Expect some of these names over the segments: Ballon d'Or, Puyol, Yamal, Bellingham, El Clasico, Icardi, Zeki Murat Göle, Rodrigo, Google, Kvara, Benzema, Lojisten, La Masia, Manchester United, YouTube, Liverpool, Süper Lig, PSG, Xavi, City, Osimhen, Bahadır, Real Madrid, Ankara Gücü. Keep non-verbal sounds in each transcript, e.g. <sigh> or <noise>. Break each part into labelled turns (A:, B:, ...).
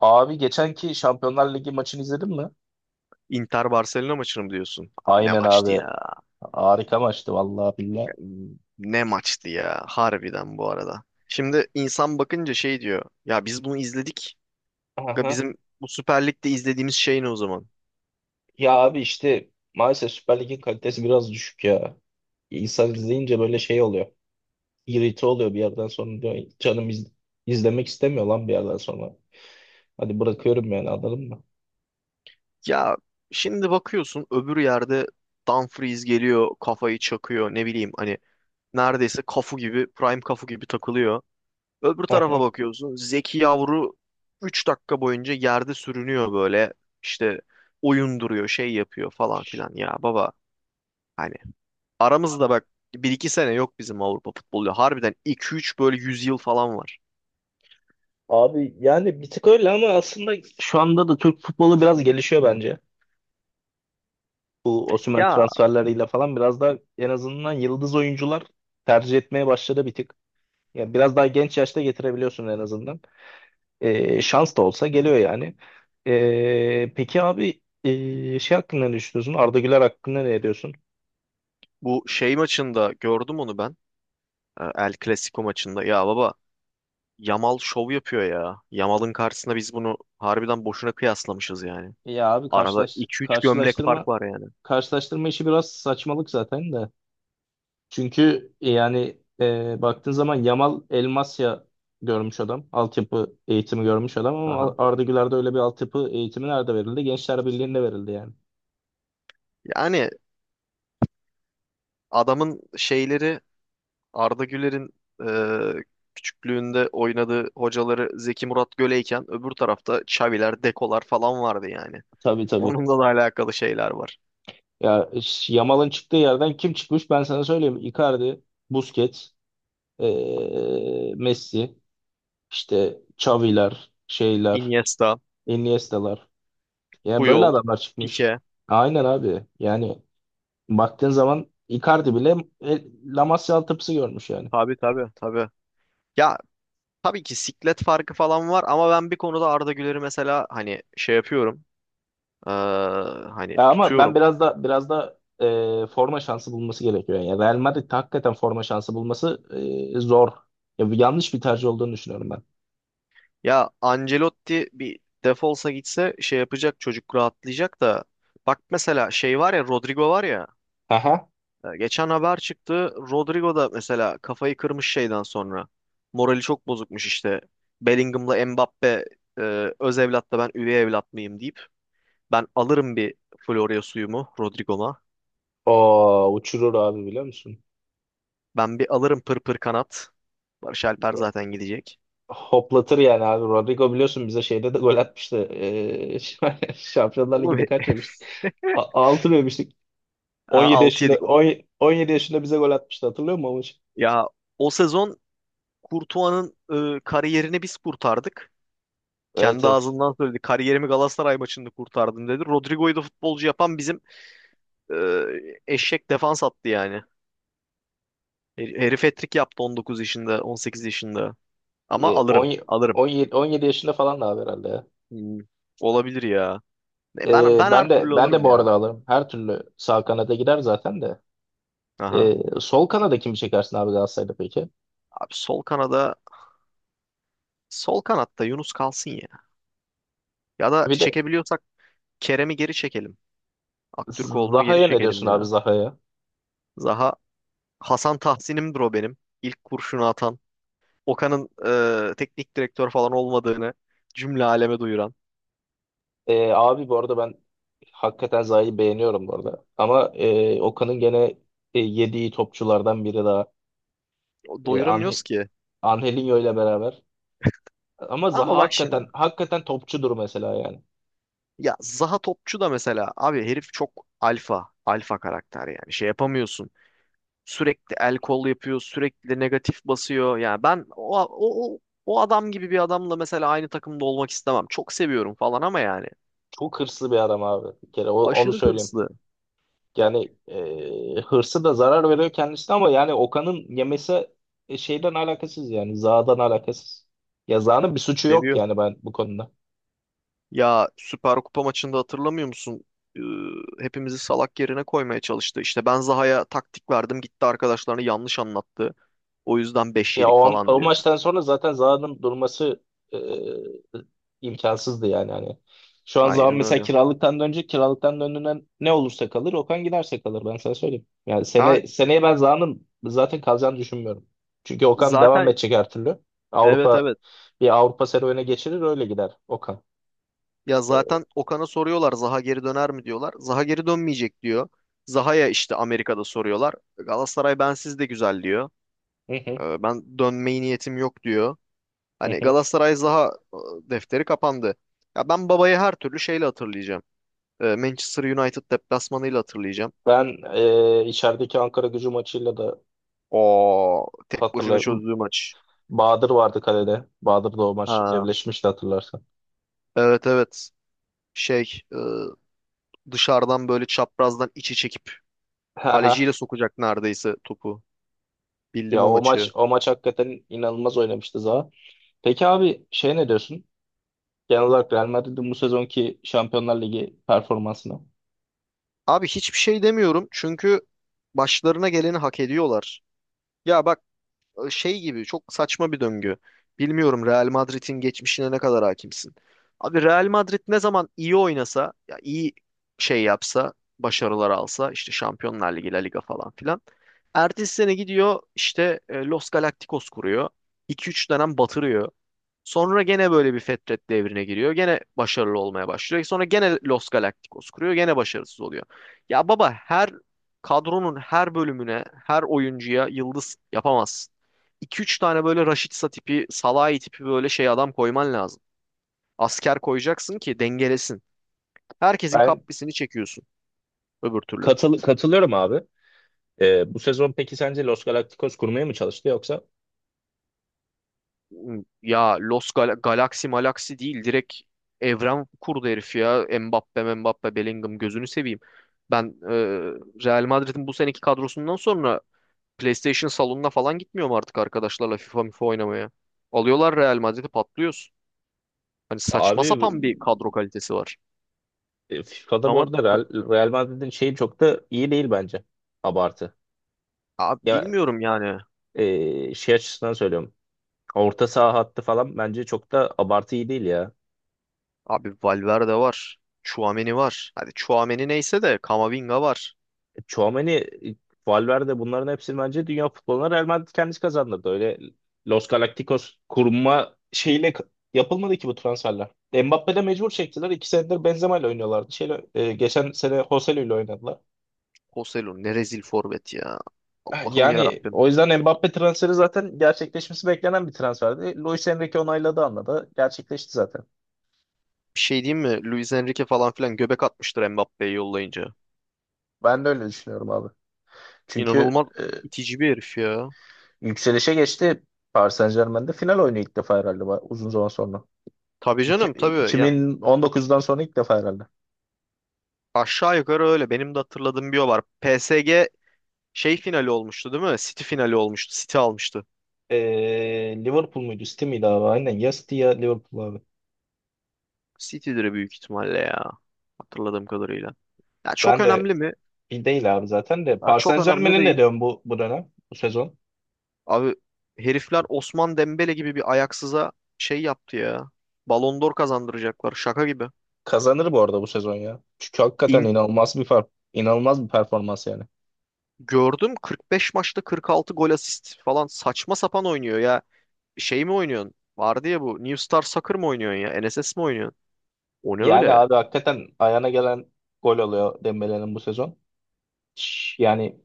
A: Abi geçenki Şampiyonlar Ligi maçını izledin mi?
B: Inter Barcelona maçını mı diyorsun? Abi ne
A: Aynen
B: maçtı
A: abi.
B: ya?
A: Harika maçtı vallahi billahi.
B: Ne maçtı ya? Harbiden bu arada. Şimdi insan bakınca şey diyor. Ya biz bunu izledik. Ya
A: Aha.
B: bizim bu Süper Lig'de izlediğimiz şey ne o zaman?
A: Ya abi işte maalesef Süper Lig'in kalitesi biraz düşük ya. İnsan izleyince böyle şey oluyor. İrite oluyor bir yerden sonra diyor. Canım izlemek istemiyor lan bir yerden sonra. Hadi bırakıyorum yani anladın mı?
B: Ya şimdi bakıyorsun öbür yerde Dumfries geliyor, kafayı çakıyor, ne bileyim hani neredeyse kafu gibi, prime kafu gibi takılıyor. Öbür tarafa
A: Aha.
B: bakıyorsun Zeki Yavru 3 dakika boyunca yerde sürünüyor böyle. İşte oyun duruyor, şey yapıyor falan filan. Ya baba, hani, aramızda bak, bir iki sene yok bizim Avrupa futbolu. Harbiden iki üç böyle 100 yıl falan var.
A: Abi yani bir tık öyle ama aslında şu anda da Türk futbolu biraz gelişiyor bence. Bu Osimhen
B: Ya,
A: transferleriyle falan biraz da en azından yıldız oyuncular tercih etmeye başladı bir tık. Ya biraz daha genç yaşta getirebiliyorsun en azından. Şans da olsa geliyor yani. Peki abi şey hakkında ne düşünüyorsun? Arda Güler hakkında ne diyorsun?
B: bu şey maçında gördüm onu ben. El Clasico maçında. Ya baba, Yamal şov yapıyor ya. Yamal'ın karşısında biz bunu harbiden boşuna kıyaslamışız yani.
A: Ya abi
B: Arada iki üç gömlek fark
A: karşılaştırma
B: var yani.
A: karşılaştırma işi biraz saçmalık zaten de. Çünkü yani baktığın zaman Yamal Elmasya görmüş adam. Altyapı eğitimi görmüş adam ama
B: Aha.
A: Arda Güler'de öyle bir altyapı eğitimi nerede verildi? Gençler Birliği'nde verildi yani.
B: Yani adamın şeyleri, Arda Güler'in e, küçüklüğünde oynadığı hocaları Zeki Murat Göle'yken öbür tarafta Xavi'ler, Deko'lar falan vardı yani.
A: Tabii tabii.
B: Onunla da alakalı şeyler var.
A: Ya Yamal'ın çıktığı yerden kim çıkmış ben sana söyleyeyim. Icardi, Busquets, Messi, işte Xavi'ler, şeyler,
B: Iniesta,
A: Iniesta'lar. Yani böyle
B: Puyol,
A: adamlar çıkmış.
B: Pique.
A: Aynen abi. Yani baktığın zaman Icardi bile La Masia altyapısı görmüş yani.
B: Tabii tabii tabii. Ya, tabii ki siklet farkı falan var ama ben bir konuda Arda Güler'i mesela hani şey yapıyorum. eee, Hani
A: Ya ama ben
B: tutuyorum.
A: biraz da biraz da forma şansı bulması gerekiyor. Yani Real Madrid hakikaten forma şansı bulması zor. Ya, bu yanlış bir tercih olduğunu düşünüyorum ben.
B: Ya, Ancelotti bir defolsa gitse şey yapacak, çocuk rahatlayacak da. Bak mesela, şey var ya, Rodrigo var ya.
A: Aha.
B: Geçen haber çıktı. Rodrigo da mesela kafayı kırmış şeyden sonra. Morali çok bozukmuş işte. Bellingham'la Mbappe e, öz evlat da ben üvey evlat mıyım deyip. Ben alırım bir Florya suyumu Rodrigo'ma.
A: O uçurur abi biliyor musun?
B: Ben bir alırım pır pır kanat. Barış Alper zaten gidecek.
A: Hoplatır yani abi. Rodrigo biliyorsun bize şeyde de gol atmıştı. <laughs> Şampiyonlar
B: Oğlum
A: Ligi'nde kaç yemiştik? Altı 6 mı yemiştik?
B: ha,
A: 17
B: 6
A: yaşında
B: yedik.
A: 17 yaşında bize gol atmıştı hatırlıyor musun o maçı?
B: Ya, o sezon Courtois'ın kariyerini biz kurtardık.
A: Evet
B: Kendi
A: evet.
B: ağzından söyledi. Kariyerimi Galatasaray maçında kurtardım dedi. Rodrigo'yu da futbolcu yapan bizim e, eşek defans attı yani. Herif hat-trick yaptı 19 yaşında, 18 yaşında. Ama
A: Ye-
B: alırım,
A: on-
B: alırım.
A: 17 17 yaşında falan da abi herhalde ya.
B: Hmm, Olabilir ya. E, Ben ben her
A: Ben
B: türlü
A: de ben de
B: alırım
A: bu arada
B: ya.
A: alırım. Her türlü sağ kanada gider zaten de.
B: Aha.
A: Sol kanada kimi çekersin abi Galatasaray'da peki?
B: Abi, sol kanatta Yunus kalsın ya. Ya da
A: Bir de
B: çekebiliyorsak Kerem'i geri çekelim. Aktürkoğlu'nu geri
A: Zaha'ya ne
B: çekelim
A: diyorsun abi
B: ya.
A: Zaha'ya?
B: Zaha, Hasan Tahsin'imdir o benim. İlk kurşunu atan. Okan'ın teknik direktör falan olmadığını cümle aleme duyuran.
A: Abi bu arada ben hakikaten Zaha'yı beğeniyorum bu arada. Ama Okan'ın gene yediği topçulardan biri daha. E, Ange-
B: Doyuramıyoruz ki.
A: Angelinho ile beraber. Ama Zaha
B: Ama bak
A: hakikaten
B: şimdi.
A: hakikaten topçudur mesela yani.
B: Ya, Zaha topçu da mesela abi herif çok alfa. Alfa karakter yani. Şey yapamıyorsun. Sürekli el kol yapıyor, sürekli negatif basıyor. Yani ben o adam gibi bir adamla mesela aynı takımda olmak istemem. Çok seviyorum falan ama yani
A: Çok hırslı bir adam abi. Bir kere onu
B: aşırı
A: söyleyeyim.
B: hırslı.
A: Yani hırsı da zarar veriyor kendisine ama yani Okan'ın yemesi şeyden alakasız yani. Zaha'dan alakasız. Ya Zaha'nın bir suçu yok
B: Seviyor.
A: yani ben bu konuda.
B: Ya, Süper Kupa maçında hatırlamıyor musun? Ee, Hepimizi salak yerine koymaya çalıştı. İşte ben Zaha'ya taktik verdim, gitti arkadaşlarını yanlış anlattı. O yüzden 5
A: Ya
B: yedik
A: o,
B: falan
A: o
B: diyor.
A: maçtan sonra zaten Zaha'nın durması e, imkansızdı yani hani. Şu an Zaha
B: Aynen
A: mesela
B: öyle.
A: kiralıktan dönecek. Kiralıktan döndüğünden ne olursa kalır. Okan giderse kalır ben sana söyleyeyim. Yani
B: Ha.
A: seneye ben Zaha'nın zaten kalacağını düşünmüyorum. Çünkü Okan devam
B: Zaten.
A: edecek her türlü.
B: Evet,
A: Avrupa
B: evet.
A: bir Avrupa serüvene geçirir öyle gider Okan.
B: Ya zaten Okan'a soruyorlar, Zaha geri döner mi diyorlar. Zaha geri dönmeyecek diyor. Zaha'ya işte Amerika'da soruyorlar. Galatasaray bensiz de güzel diyor.
A: Hı hı,
B: Ben dönmeyi niyetim yok diyor.
A: hı
B: Hani
A: hı.
B: Galatasaray Zaha defteri kapandı. Ya ben babayı her türlü şeyle hatırlayacağım. Manchester United deplasmanıyla hatırlayacağım.
A: Ben içerideki Ankara Gücü maçıyla da
B: O tek başına
A: hatırlayayım.
B: çözdüğü maç.
A: Bahadır vardı kalede. Bahadır da o maç
B: Ha,
A: evleşmişti hatırlarsan.
B: evet, evet. Şey, dışarıdan böyle çaprazdan içi çekip
A: <laughs>
B: kaleciyle sokacak neredeyse topu. Bildim
A: Ya
B: o
A: o maç
B: maçı.
A: o maç hakikaten inanılmaz oynamıştı Zaha. Peki abi şey ne diyorsun? Genel olarak Real Madrid'in bu sezonki Şampiyonlar Ligi performansına.
B: Abi hiçbir şey demiyorum çünkü başlarına geleni hak ediyorlar. Ya bak, şey gibi çok saçma bir döngü. Bilmiyorum Real Madrid'in geçmişine ne kadar hakimsin. Abi Real Madrid ne zaman iyi oynasa, ya iyi şey yapsa, başarılar alsa işte Şampiyonlar Ligi, La Liga falan filan. Ertesi sene gidiyor işte Los Galacticos kuruyor. İki üç dönem batırıyor. Sonra gene böyle bir Fetret devrine giriyor. Gene başarılı olmaya başlıyor. Sonra gene Los Galacticos kuruyor. Gene başarısız oluyor. Ya baba, her kadronun her bölümüne, her oyuncuya yıldız yapamazsın. 2 üç tane böyle Rashica tipi, Salahi tipi böyle şey adam koyman lazım. Asker koyacaksın ki dengelesin. Herkesin
A: Ben
B: kaprisini çekiyorsun öbür türlü.
A: katılıyorum abi. Bu sezon peki sence Los Galacticos kurmaya mı çalıştı yoksa
B: Ya, Los Gal Galaxy Malaxy değil, direkt evren kurdu herif ya. Mbappe Bellingham, gözünü seveyim. Ben, Real Madrid'in bu seneki kadrosundan sonra PlayStation salonuna falan gitmiyorum artık arkadaşlarla FIFA MIFA oynamaya. Alıyorlar Real Madrid'i, patlıyoruz. Hani saçma
A: abi
B: sapan bir kadro kalitesi var.
A: FIFA'da bu
B: Ama
A: arada Real Madrid'in şeyi çok da iyi değil bence. Abartı.
B: abi
A: Ya
B: bilmiyorum yani.
A: şey açısından söylüyorum. Orta saha hattı falan bence çok da abartı iyi değil ya.
B: Abi Valverde var. Chouameni var. Hadi Chouameni neyse de Camavinga var.
A: Tchouaméni, Valverde bunların hepsini bence dünya futboluna Real Madrid kendisi kazandırdı. Öyle Los Galacticos kurma şeyiyle yapılmadı ki bu transferler. Mbappe de mecbur çektiler. İki senedir Benzema ile oynuyorlardı. Şeyle, geçen sene Joselu ile oynadılar.
B: Joselu ne rezil forvet ya. Allah'ım ya.
A: Yani o yüzden Mbappe transferi zaten gerçekleşmesi beklenen bir transferdi. Luis Enrique onayladı anladı. Gerçekleşti zaten.
B: Bir şey diyeyim mi? Luis Enrique falan filan göbek atmıştır Mbappé'yi yollayınca.
A: Ben de öyle düşünüyorum abi. Çünkü
B: İnanılmaz itici bir herif ya.
A: yükselişe geçti. Paris Saint-Germain'de final oynuyor ilk defa herhalde uzun zaman sonra.
B: Tabii canım tabii. Ya,
A: 2019'dan sonra ilk defa herhalde.
B: aşağı yukarı öyle. Benim de hatırladığım bir o var. PSG şey finali olmuştu değil mi? City finali olmuştu. City almıştı.
A: Liverpool muydu? City miydi abi? Aynen. Ya City ya Liverpool abi.
B: City'dir büyük ihtimalle ya. Hatırladığım kadarıyla. Ya, çok
A: Ben de
B: önemli mi?
A: bir değil abi zaten de.
B: Ya,
A: Paris
B: çok önemli
A: Saint-Germain'e ne
B: değil.
A: diyorsun bu dönem? Bu sezon?
B: Abi herifler Osman Dembele gibi bir ayaksıza şey yaptı ya. Ballon d'Or kazandıracaklar, şaka gibi.
A: Kazanır bu arada bu sezon ya. Çünkü hakikaten inanılmaz bir fark. İnanılmaz bir performans yani.
B: Gördüm, 45 maçta 46 gol asist falan, saçma sapan oynuyor ya. Şey mi oynuyorsun? Vardı ya bu, New Star Soccer mı oynuyorsun ya? NSS mi oynuyorsun? O ne
A: Yani
B: öyle?
A: abi hakikaten ayağına gelen gol oluyor Dembele'nin bu sezon. Yani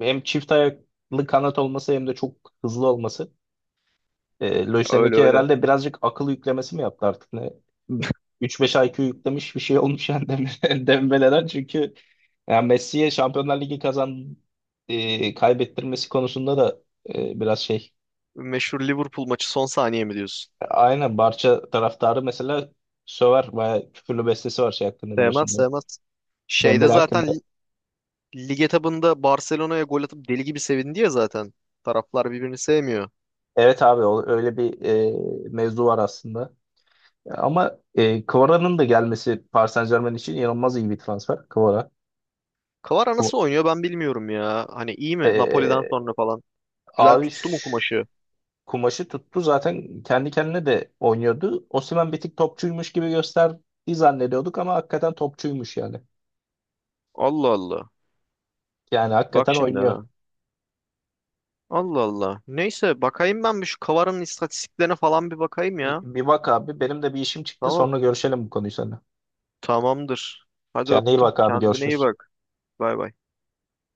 A: hem çift ayaklı kanat olması hem de çok hızlı olması.
B: Ya, öyle
A: Lojisten'deki
B: öyle.
A: herhalde birazcık akıl yüklemesi mi yaptı artık ne? 3-5 IQ yüklemiş bir şey olmuş yani <laughs> Dembele'den çünkü yani Messi'ye Şampiyonlar Ligi kaybettirmesi konusunda da biraz şey.
B: Meşhur Liverpool maçı son saniye mi diyorsun?
A: Aynen Barça taraftarı mesela söver bayağı küfürlü bestesi var şey hakkında biliyorsun
B: Sevmez sevmez. Şeyde
A: Dembele hakkında.
B: zaten lig etabında Barcelona'ya gol atıp deli gibi sevindi ya zaten. Taraflar birbirini sevmiyor.
A: Evet abi öyle bir mevzu var aslında. Ama Kvara'nın da gelmesi Paris Saint-Germain için inanılmaz iyi bir transfer. Kvara.
B: Kvara
A: Kva-
B: nasıl oynuyor ben bilmiyorum ya. Hani iyi mi Napoli'den
A: E,
B: sonra falan? Güzel
A: Abi
B: tuttu mu kumaşı?
A: kumaşı tuttu zaten kendi kendine de oynuyordu. Osimhen bir tık topçuymuş gibi gösterdiği zannediyorduk ama hakikaten topçuymuş yani.
B: Allah Allah.
A: Yani
B: Bak
A: hakikaten
B: şimdi
A: oynuyor.
B: ha. Allah Allah. Neyse, bakayım ben bir şu Kavar'ın istatistiklerine falan bir bakayım
A: Bir,
B: ya.
A: bir bak abi benim de bir işim çıktı
B: Tamam.
A: sonra görüşelim bu konuyu seninle.
B: Tamamdır. Hadi
A: Kendine iyi
B: öptüm.
A: bak abi
B: Kendine iyi
A: görüşürüz.
B: bak. Bay bay.